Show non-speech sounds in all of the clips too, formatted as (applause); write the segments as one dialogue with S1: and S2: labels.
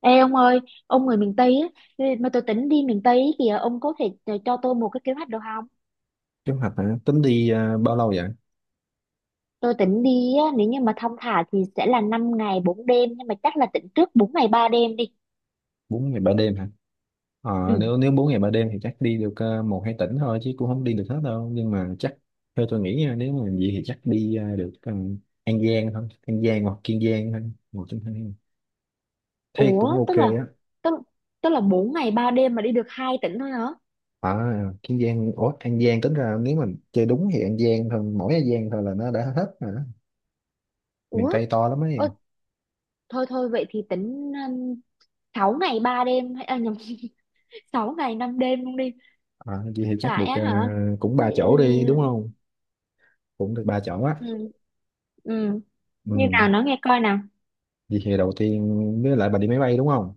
S1: Ê ông ơi, ông người miền Tây á, mà tôi tính đi miền Tây á kìa, ông có thể cho tôi một cái kế hoạch được không?
S2: Kế hoạch hả? Tính đi à, bao lâu vậy?
S1: Tôi tính đi á, nếu như mà thong thả thì sẽ là 5 ngày bốn đêm, nhưng mà chắc là tính trước 4 ngày ba đêm đi.
S2: Bốn ngày 3 đêm hả? Ờ,
S1: Ừ.
S2: nếu nếu 4 ngày 3 đêm thì chắc đi được một hai tỉnh thôi chứ cũng không đi được hết đâu. Nhưng mà chắc theo tôi nghĩ nha, nếu mà vậy thì chắc đi được An Giang thôi, An Giang hoặc Kiên Giang thôi, một trong hai. Thế cũng
S1: Ủa,
S2: ok á.
S1: tức, tức là 4 ngày 3 đêm mà đi được hai tỉnh thôi hả?
S2: À, Kiên Giang, ủa An Giang tính ra nếu mà chơi đúng thì An Giang thôi, mỗi An Giang thôi là nó đã hết rồi đó. Miền
S1: Ủa,
S2: Tây to lắm
S1: ôi,
S2: ấy.
S1: thôi thôi vậy thì tính 6 ngày 3 đêm, à, nhầm, (laughs) 6 ngày 5 đêm luôn đi.
S2: À, vậy thì chắc
S1: Tại
S2: được
S1: á hả?
S2: cũng
S1: Ừ,
S2: ba chỗ đi đúng không? Cũng được ba chỗ á.
S1: ừ, ừ. Như
S2: Ừ.
S1: nào nó nghe coi nào.
S2: Vậy thì đầu tiên với lại bà đi máy bay đúng không?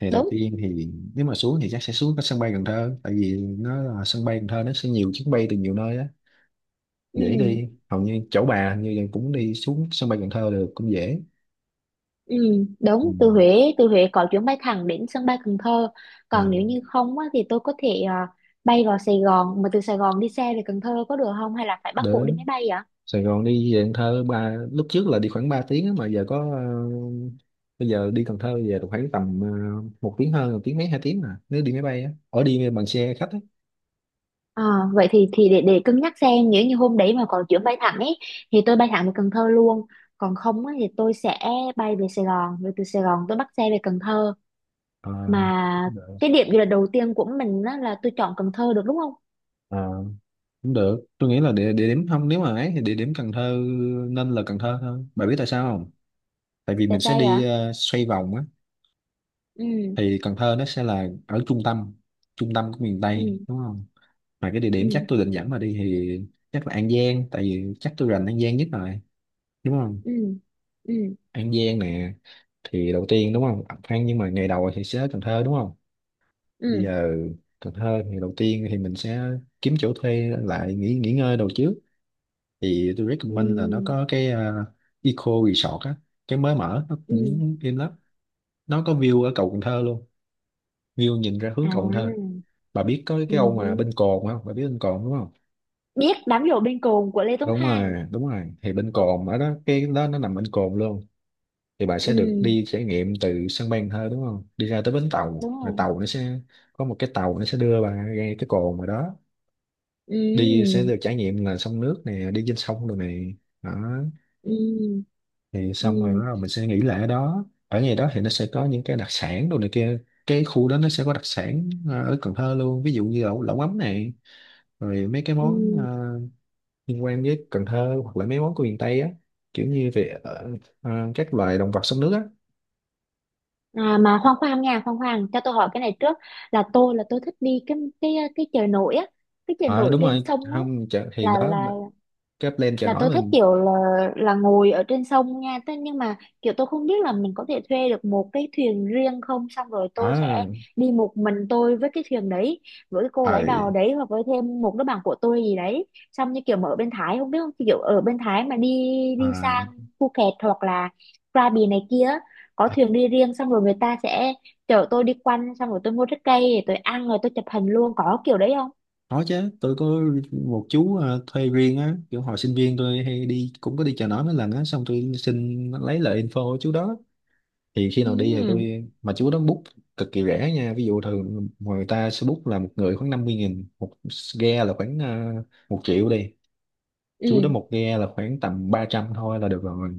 S2: Thì đầu
S1: Đúng.
S2: tiên thì nếu mà xuống thì chắc sẽ xuống cái sân bay Cần Thơ, tại vì nó là sân bay Cần Thơ, nó sẽ nhiều chuyến bay từ nhiều nơi á,
S1: Ừ.
S2: dễ đi. Hầu như chỗ bà hình như là cũng đi xuống sân bay Cần Thơ được, cũng dễ.
S1: Ừ,
S2: Ừ.
S1: đúng, từ Huế có chuyến bay thẳng đến sân bay Cần Thơ.
S2: À,
S1: Còn nếu như không á, thì tôi có thể bay vào Sài Gòn, mà từ Sài Gòn đi xe về Cần Thơ có được không, hay là phải bắt buộc đi máy
S2: đến
S1: bay vậy?
S2: Sài Gòn đi về Cần Thơ, ba lúc trước là đi khoảng 3 tiếng á, mà giờ có bây giờ đi Cần Thơ về được khoảng tầm một tiếng hơn, một tiếng mấy, hai tiếng, mà nếu đi máy bay á, ở đi bằng xe khách á.
S1: À, vậy thì để cân nhắc xem, nếu như hôm đấy mà có chuyến bay thẳng ấy thì tôi bay thẳng về Cần Thơ luôn, còn không á, thì tôi sẽ bay về Sài Gòn rồi từ Sài Gòn tôi bắt xe về Cần Thơ.
S2: Ờ,
S1: Mà cái điểm du lịch đầu tiên của mình á, là tôi chọn Cần Thơ được đúng không?
S2: ờ, cũng được. Tôi nghĩ là địa điểm không, nếu mà ấy thì địa điểm Cần Thơ, nên là Cần Thơ thôi. Bà biết tại sao không? Tại vì
S1: Tại
S2: mình sẽ
S1: sao
S2: đi
S1: vậy?
S2: xoay vòng á.
S1: Ừ.
S2: Thì Cần Thơ nó sẽ là ở trung tâm, trung tâm của miền Tây,
S1: Ừ.
S2: đúng không? Mà cái địa điểm chắc
S1: Ừ.
S2: tôi định dẫn bà đi thì chắc là An Giang, tại vì chắc tôi rành An Giang nhất rồi, đúng không?
S1: Ừ. Ừ.
S2: An Giang nè, thì đầu tiên đúng không? Phan, nhưng mà ngày đầu thì sẽ ở Cần Thơ đúng không? Bây
S1: Ừ.
S2: giờ Cần Thơ thì đầu tiên thì mình sẽ kiếm chỗ thuê lại, nghỉ nghỉ ngơi đầu trước. Thì tôi recommend là nó
S1: Ừ.
S2: có cái Eco Resort á, cái mới mở, nó
S1: Ừ.
S2: cũng im lắm, nó có view ở cầu Cần Thơ luôn, view nhìn ra hướng cầu Cần Thơ.
S1: À.
S2: Bà biết có
S1: Ừ
S2: cái ông
S1: hứ.
S2: mà bên Cồn không? Bà biết bên Cồn đúng không?
S1: Biết đám giỗ bên cồn của Lê Tuấn
S2: Đúng
S1: Hoàng.
S2: rồi, đúng rồi, thì bên Cồn ở đó, cái đó nó nằm bên Cồn luôn. Thì bà sẽ được
S1: Ừ,
S2: đi trải nghiệm từ sân bay Cần Thơ đúng không, đi ra tới bến tàu,
S1: đúng
S2: rồi
S1: rồi.
S2: tàu nó sẽ có một cái tàu, nó sẽ đưa bà ra cái cồn rồi đó. Đi
S1: Ừ.
S2: sẽ được trải nghiệm là sông nước nè, đi trên sông rồi này. Đó,
S1: Ừ.
S2: thì
S1: Ừ.
S2: xong rồi bắt đầu mình sẽ nghỉ lại ở đó. Ở ngày đó thì nó sẽ có những cái đặc sản đồ này kia. Cái khu đó nó sẽ có đặc sản ở Cần Thơ luôn, ví dụ như lẩu lẩu mắm này, rồi mấy cái món
S1: Ừ.
S2: liên quan với Cần Thơ, hoặc là mấy món của miền Tây á, kiểu như về các loài động vật sống nước á.
S1: À, mà khoan khoan nha, khoan khoan, cho tôi hỏi cái này trước, là tôi thích đi cái chợ nổi á, cái chợ
S2: Ờ
S1: nổi
S2: đúng
S1: trên
S2: rồi,
S1: sông á,
S2: không chợ, thì
S1: là
S2: đó,
S1: là
S2: cái plan chợ
S1: là
S2: nổi
S1: tôi thích
S2: mình.
S1: kiểu là ngồi ở trên sông nha. Thế nhưng mà kiểu tôi không biết là mình có thể thuê được một cái thuyền riêng không, xong rồi tôi sẽ
S2: Ở,
S1: đi một mình tôi với cái thuyền đấy, với cái cô
S2: ờ,
S1: lái đò đấy, hoặc với thêm một đứa bạn của tôi gì đấy. Xong như kiểu mà ở bên Thái không biết không, kiểu ở bên Thái mà đi đi sang Phuket hoặc là Krabi này kia, có
S2: à,
S1: thuyền đi riêng, xong rồi người ta sẽ chở tôi đi quanh, xong rồi tôi mua trái cây rồi tôi ăn rồi tôi chụp hình luôn, có kiểu đấy không?
S2: có chứ, tôi có một chú thuê riêng á, kiểu hồi sinh viên tôi hay đi, cũng có đi chợ nổi mấy lần á, xong tôi xin lấy lại info của chú đó. Thì khi nào đi thì
S1: Ừ.
S2: tôi mà chú đó book cực kỳ rẻ nha. Ví dụ thường người ta sẽ book là một người khoảng 50 nghìn, một ghe là khoảng một triệu đi. Chú
S1: Ừ.
S2: đó một ghe là khoảng tầm 300 thôi là được rồi.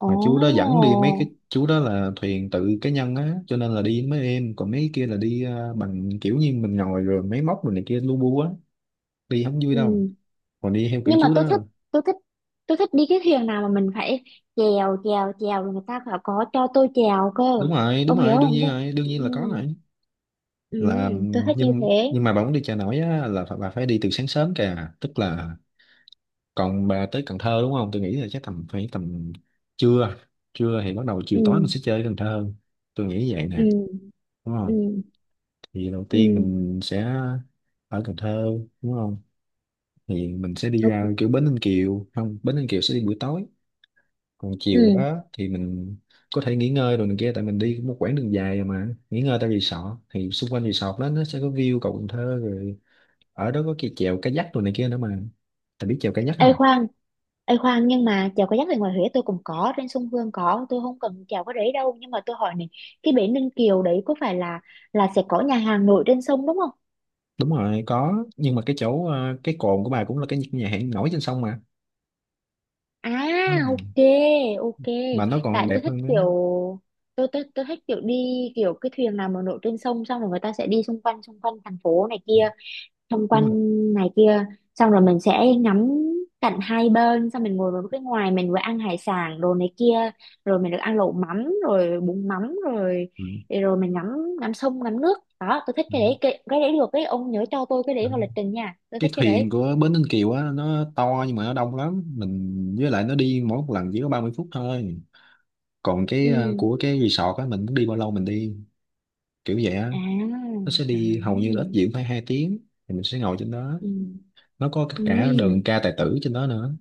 S1: Ồ.
S2: Mà chú đó dẫn đi mấy cái, chú đó là thuyền tự cá nhân á, cho nên là đi mấy em, còn mấy kia là đi bằng kiểu như mình ngồi rồi máy móc rồi này kia lu bu á, đi không vui đâu.
S1: Ừ.
S2: Còn đi theo kiểu
S1: Nhưng mà
S2: chú đó,
S1: tôi thích tôi thích đi cái thuyền nào mà mình phải chèo chèo chèo, rồi người ta phải có cho tôi chèo cơ,
S2: đúng rồi, đúng
S1: ông hiểu
S2: rồi, đương
S1: không
S2: nhiên
S1: tôi.
S2: rồi, đương
S1: Ừ,
S2: nhiên là có rồi.
S1: ừ,
S2: Là
S1: ừ, tôi thích như
S2: nhưng
S1: thế.
S2: nhưng mà bà muốn đi chợ nổi á là phải- bà phải đi từ sáng sớm kìa, tức là còn bà tới Cần Thơ đúng không, tôi nghĩ là chắc tầm phải tầm trưa. Trưa thì bắt đầu
S1: Ừ,
S2: chiều tối mình sẽ chơi Cần Thơ, tôi nghĩ vậy
S1: ừ,
S2: nè, đúng
S1: ừ,
S2: không? Thì đầu tiên
S1: ừ,
S2: mình sẽ ở Cần Thơ đúng không, thì mình sẽ đi ra
S1: ok,
S2: kiểu Bến Ninh Kiều không, Bến Ninh Kiều sẽ đi buổi tối. Còn chiều
S1: ừ.
S2: đó thì mình có thể nghỉ ngơi rồi này kia, tại mình đi một quãng đường dài rồi mà. Nghỉ ngơi tại resort thì xung quanh resort đó nó sẽ có view cầu Cần Thơ rồi. Ở đó có cái chèo kayak rồi này kia nữa mà. Tại biết chèo kayak
S1: Ê
S2: không?
S1: khoan, Ê khoan, nhưng mà chèo kayak thì ngoài Huế tôi cũng có trên sông Hương, có tôi không cần chèo cái đấy đâu, nhưng mà tôi hỏi này, cái bể Ninh Kiều đấy có phải là sẽ có nhà hàng nổi trên sông đúng không?
S2: Đúng rồi có, nhưng mà cái chỗ cái cồn của bà cũng là cái nhà hàng nổi trên sông mà.
S1: À,
S2: Đúng rồi.
S1: ok, ok.
S2: Mà nó còn
S1: Tại
S2: đẹp
S1: tôi thích
S2: hơn
S1: kiểu,
S2: đấy.
S1: tôi thích kiểu đi, kiểu cái thuyền nào mà nổi trên sông. Xong rồi người ta sẽ đi xung quanh thành phố này kia. Xung
S2: Đúng
S1: quanh
S2: rồi.
S1: này kia. Xong rồi mình sẽ ngắm cảnh hai bên. Xong mình ngồi vào cái ngoài, mình vừa ăn hải sản đồ này kia. Rồi mình được ăn lẩu mắm rồi bún mắm rồi.
S2: Ừ.
S1: Rồi mình ngắm ngắm sông ngắm nước. Đó tôi thích
S2: Ừ.
S1: cái đấy, cái đấy được, cái ông nhớ cho tôi cái đấy
S2: Ừ.
S1: vào lịch trình nha. Tôi
S2: Cái
S1: thích cái đấy.
S2: thuyền của bến Ninh Kiều á nó to, nhưng mà nó đông lắm, mình với lại nó đi mỗi một lần chỉ có 30 phút thôi. Còn cái
S1: Ừ,
S2: của cái resort á mình muốn đi bao lâu mình đi, kiểu vậy á.
S1: à,
S2: Nó sẽ đi hầu như là
S1: à.
S2: ít diễn phải hai tiếng. Thì mình sẽ ngồi trên đó,
S1: Ừ.
S2: nó có
S1: Ừ.
S2: cả đờn ca tài tử trên đó nữa.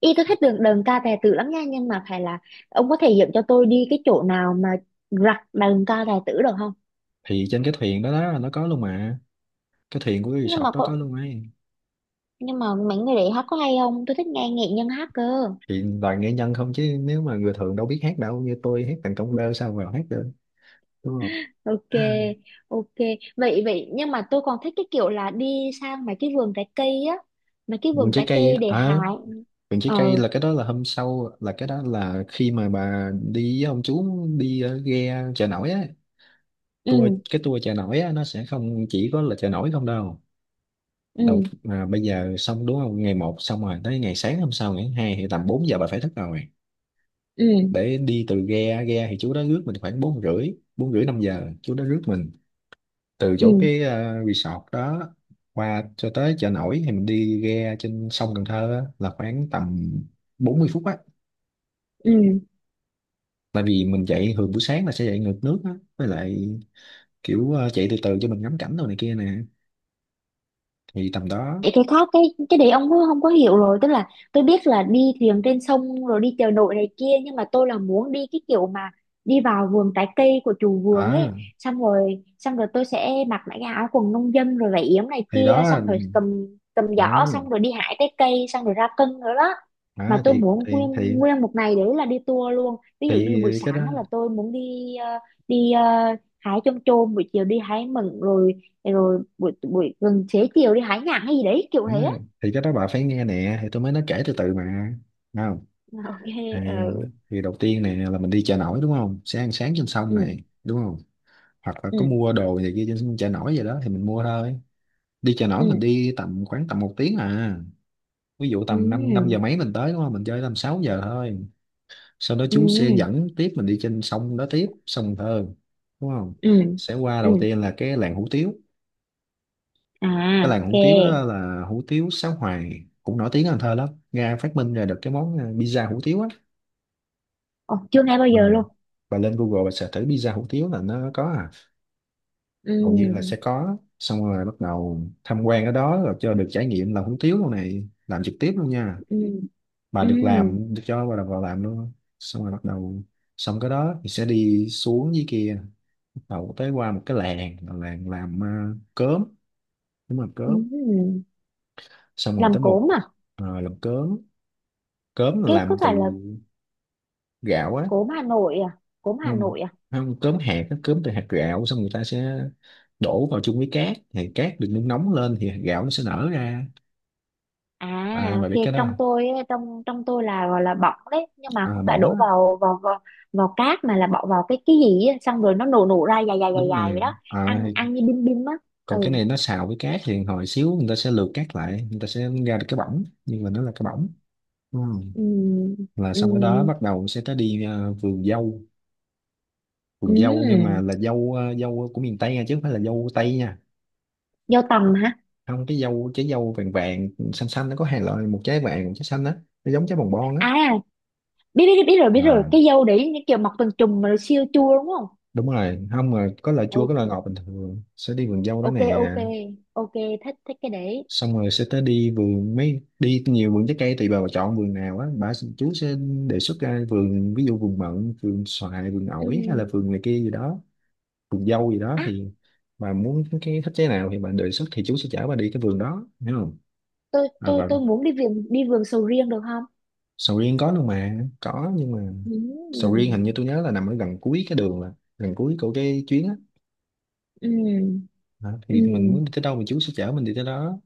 S1: Y tôi thích đường đờn ca tài tử lắm nha, nhưng mà phải là ông có thể dẫn cho tôi đi cái chỗ nào mà rặt đờn ca tài tử được không?
S2: Thì trên cái thuyền đó đó nó có luôn mà, cái thuyền của cái
S1: Nhưng mà
S2: resort đó có
S1: có.
S2: luôn ấy.
S1: Nhưng mà mấy người đấy hát có hay không, tôi thích nghe nghệ nhân hát cơ.
S2: Thì toàn nghệ nhân không, chứ nếu mà người thường đâu biết hát đâu, như tôi hát thành công bơ sao vào hát được, đúng không?
S1: Ok, ok. Vậy vậy nhưng mà tôi còn thích cái kiểu là đi sang mấy cái vườn trái cây á, mấy cái
S2: Vườn
S1: vườn
S2: trái
S1: trái
S2: cây
S1: cây để
S2: à?
S1: hái.
S2: Vườn trái cây
S1: Ờ.
S2: là cái đó là hôm sau, là cái đó là khi mà bà đi với ông chú đi ghe chợ nổi á,
S1: Ừ.
S2: tour. Cái tour chợ nổi á nó sẽ không chỉ có là chợ nổi không đâu.
S1: Ừ.
S2: Đầu, à, bây giờ xong đúng không, ngày một xong rồi tới ngày sáng hôm sau, ngày thứ hai thì tầm 4 giờ bà phải thức rồi,
S1: Ừ.
S2: để đi từ ghe. Ghe thì chú đó rước mình khoảng bốn rưỡi, bốn rưỡi năm giờ chú đó rước mình từ chỗ
S1: Ừ.
S2: cái resort đó qua cho tới chợ nổi. Thì mình đi ghe trên sông Cần Thơ á, là khoảng tầm 40 phút á,
S1: Ừ.
S2: tại vì mình chạy thường buổi sáng là sẽ chạy ngược nước á, với lại kiểu chạy từ từ cho mình ngắm cảnh đồ này kia nè, thì tầm đó.
S1: Vậy cái khác cái đấy ông cũng không có hiểu rồi, tức là tôi biết là đi thuyền trên sông rồi đi chợ nổi này kia, nhưng mà tôi là muốn đi cái kiểu mà đi vào vườn trái cây của chủ vườn ấy,
S2: À
S1: xong rồi tôi sẽ mặc lại cái áo quần nông dân rồi vải yếm này
S2: thì
S1: kia,
S2: đó,
S1: xong rồi cầm cầm
S2: à,
S1: giỏ, xong rồi đi hái trái cây, xong rồi ra cân nữa đó. Mà
S2: à,
S1: tôi
S2: thì
S1: muốn
S2: thì thì
S1: nguyên nguyên một ngày đấy là đi tour luôn, ví dụ như buổi
S2: thì cái đó.
S1: sáng đó là tôi muốn đi hái chôm chôm, buổi chiều đi hái mận rồi. Thế rồi buổi buổi gần xế chiều đi hái nhãn hay gì đấy kiểu
S2: Đó,
S1: thế á.
S2: thì cái đó bà phải nghe nè, thì tôi mới nói kể từ từ mà, đúng không?
S1: Ok.
S2: Thì,
S1: Ờ.
S2: thì đầu tiên nè là mình đi chợ nổi đúng không, sẽ ăn sáng trên sông này
S1: Ừ.
S2: đúng không, hoặc là
S1: Ừ.
S2: có mua đồ gì kia trên chợ nổi vậy đó thì mình mua thôi. Đi chợ nổi
S1: Ừ.
S2: mình đi tầm khoảng tầm một tiếng à. Ví dụ tầm 5, năm năm giờ
S1: Ừ.
S2: mấy mình tới đúng không, mình chơi tầm 6 giờ thôi. Sau đó chú sẽ
S1: Ừ.
S2: dẫn tiếp mình đi trên sông đó tiếp, sông Cần Thơ đúng không,
S1: Ừ.
S2: sẽ qua
S1: Ừ.
S2: đầu tiên là cái làng hủ tiếu. Cái
S1: À,
S2: làng hủ tiếu đó
S1: ok.
S2: là hủ tiếu Sáu Hoài, cũng nổi tiếng ở Cần Thơ lắm. Nga phát minh ra được cái món pizza hủ tiếu á.
S1: Ồ, chưa nghe bao
S2: Ờ,
S1: giờ luôn.
S2: bà lên Google bà search thử pizza hủ tiếu là nó có à, hầu như là
S1: Ừ.
S2: sẽ có. Xong rồi bắt đầu tham quan ở đó, rồi cho được trải nghiệm làm hủ tiếu luôn này, làm trực tiếp luôn nha.
S1: Ừ.
S2: Bà
S1: Ừ.
S2: được làm, được cho bà được vào làm luôn. Xong rồi bắt đầu, xong cái đó thì sẽ đi xuống dưới kia, bắt đầu tới qua một cái làng là làng làm cớm. Đúng rồi, cớm.
S1: Ừ.
S2: Xong rồi
S1: Làm
S2: tới một
S1: cốm à?
S2: làm cớm. Cớm là
S1: Cái có
S2: làm từ
S1: phải là
S2: gạo á.
S1: cốm Hà Nội à? Cốm Hà
S2: Không,
S1: Nội.
S2: không cớm hạt, nó cớm từ hạt gạo. Xong người ta sẽ đổ vào chung với cát, thì cát được nung nóng lên thì hạt gạo nó sẽ nở ra.
S1: À,
S2: À bà
S1: ok,
S2: biết cái đó
S1: trong
S2: không?
S1: tôi á, trong trong tôi là gọi là bỏng đấy, nhưng mà
S2: À,
S1: không phải
S2: bỏng
S1: đổ
S2: á,
S1: vào cát, mà là bỏ vào cái gì á, xong rồi nó nổ nổ ra dài dài dài
S2: đúng
S1: dài vậy
S2: rồi.
S1: đó.
S2: À,
S1: Ăn ăn như bim bim á.
S2: còn cái
S1: Ừ.
S2: này nó xào với cát thì hồi xíu người ta sẽ lượt cát lại, người ta sẽ ra được cái bỏng, nhưng mà nó là cái bỏng. Ừ.
S1: Ừm,
S2: Là xong cái đó
S1: ừm,
S2: bắt đầu sẽ tới đi vườn dâu. Vườn dâu nhưng mà
S1: ừm.
S2: là dâu dâu của miền Tây nha, chứ không phải là dâu Tây nha.
S1: Dâu tằm hả?
S2: Không, cái dâu trái dâu vàng vàng xanh xanh, nó có hai loại, một trái vàng một trái xanh á, nó giống trái bồng bon á.
S1: À, biết biết biết rồi, biết rồi,
S2: À,
S1: cái dâu đấy như kiểu mọc từng chùm mà nó siêu chua đúng không?
S2: đúng rồi, không mà có loại chua
S1: Ồ,
S2: có loại ngọt, bình thường sẽ đi vườn dâu đó
S1: ok,
S2: nè.
S1: ok, ok, thích thích cái đấy.
S2: Xong rồi sẽ tới đi vườn mấy, đi nhiều vườn trái cây tùy bà chọn vườn nào á, bà chú sẽ đề xuất ra vườn, ví dụ vườn mận, vườn xoài, vườn ổi, hay là
S1: Ừm.
S2: vườn này kia gì đó, vườn dâu gì đó.
S1: À,
S2: Thì bà muốn cái thích trái nào thì bà đề xuất, thì chú sẽ chở bà đi cái vườn đó, hiểu không?
S1: tôi
S2: À,
S1: tôi
S2: và
S1: tôi muốn đi vườn sầu riêng được không?
S2: sầu riêng có luôn mà, có, nhưng mà sầu riêng hình
S1: Ừm,
S2: như tôi nhớ là nằm ở gần cuối cái đường, là gần cuối của cái chuyến á.
S1: ừm,
S2: Đó, thì mình
S1: ừm.
S2: muốn đi tới đâu thì chú sẽ chở mình đi tới đó.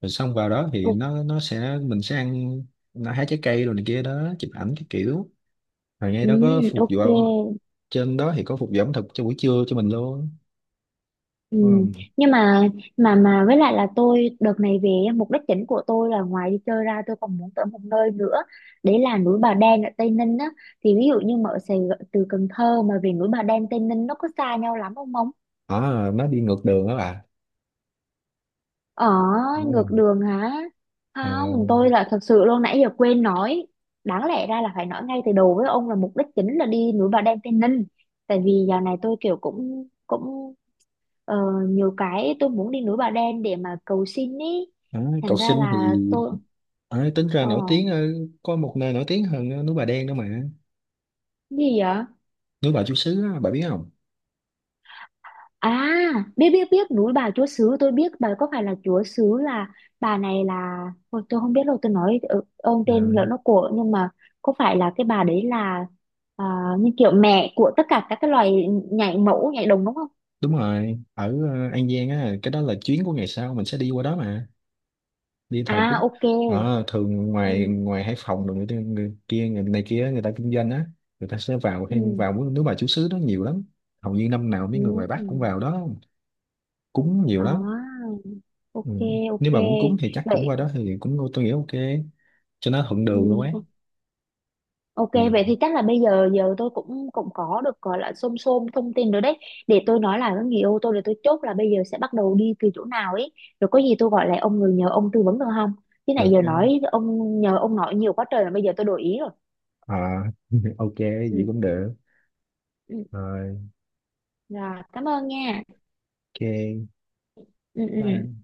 S2: Rồi xong vào đó thì
S1: Ừ,
S2: nó sẽ mình sẽ ăn, nó hái trái cây rồi này kia đó, chụp ảnh cái kiểu, rồi ngay
S1: ừ,
S2: đó có phục vụ,
S1: ok,
S2: trên đó thì có phục vụ ẩm thực cho buổi trưa cho mình luôn.
S1: ừ.
S2: Ừ.
S1: Nhưng mà với lại là tôi đợt này về á, mục đích chính của tôi là ngoài đi chơi ra tôi còn muốn tới một nơi nữa, đấy là núi Bà Đen ở Tây Ninh á. Thì ví dụ như mà ở Sài Gòn, từ Cần Thơ mà về núi Bà Đen Tây Ninh nó có xa nhau lắm không ông?
S2: À, nó đi ngược đường đó bà.
S1: Ở.
S2: Ừ.
S1: Ngược đường hả?
S2: Ờ,
S1: Không, tôi là thật sự luôn nãy giờ quên nói, đáng lẽ ra là phải nói ngay từ đầu với ông là mục đích chính là đi núi Bà Đen Tây Ninh, tại vì dạo này tôi kiểu cũng cũng Ờ, nhiều cái tôi muốn đi núi Bà Đen để mà cầu xin ý,
S2: đó, cầu
S1: thành ra
S2: sinh
S1: là
S2: thì,
S1: tôi.
S2: à, tính ra
S1: ờ
S2: nổi tiếng có một nơi nổi tiếng hơn núi Bà Đen đó mà.
S1: Gì vậy?
S2: Núi Bà Chúa Sứ á, bà biết không?
S1: À, biết biết biết núi bà Chúa Xứ, tôi biết bà, có phải là Chúa Xứ là bà này là. Ôi, tôi không biết đâu, tôi nói ông
S2: Ờ,
S1: tên lỡ nó của, nhưng mà có phải là cái bà đấy là à, như kiểu mẹ của tất cả các cái loài nhảy mẫu nhảy đồng đúng không?
S2: đúng rồi, ở An Giang á, cái đó là chuyến của ngày sau mình sẽ đi qua đó mà, đi
S1: À,
S2: thờ cúng.
S1: ok.
S2: Ở thường ngoài,
S1: Ừ.
S2: ngoài Hải Phòng rồi người kia người này kia, người ta kinh doanh á, người ta sẽ vào hay
S1: Ừ.
S2: vào nước nước bà chú xứ đó nhiều lắm. Hầu như năm nào mấy người ngoài Bắc cũng
S1: Ừ.
S2: vào đó cúng nhiều lắm.
S1: À,
S2: Ừ.
S1: ok, ok
S2: Nếu mà muốn cúng thì chắc cũng
S1: vậy.
S2: qua đó, thì cũng tôi nghĩ ok, cho nó thuận
S1: Ừ,
S2: đường luôn ấy.
S1: o- ok
S2: Thì
S1: vậy thì chắc là bây giờ giờ tôi cũng cũng có được gọi là xôm xôm thông tin rồi đấy, để tôi nói lại với người yêu tôi để tôi chốt là bây giờ sẽ bắt đầu đi từ chỗ nào ấy, rồi có gì tôi gọi lại ông, người nhờ ông tư vấn được không? Chứ
S2: được
S1: này giờ
S2: chứ.
S1: nói ông nhờ ông nói nhiều quá trời là bây giờ tôi đổi ý rồi.
S2: À, (laughs) ok
S1: Ừ,
S2: vậy cũng được.
S1: ừ.
S2: Rồi.
S1: Rồi cảm ơn nha. Ừ, ừ.
S2: Ok.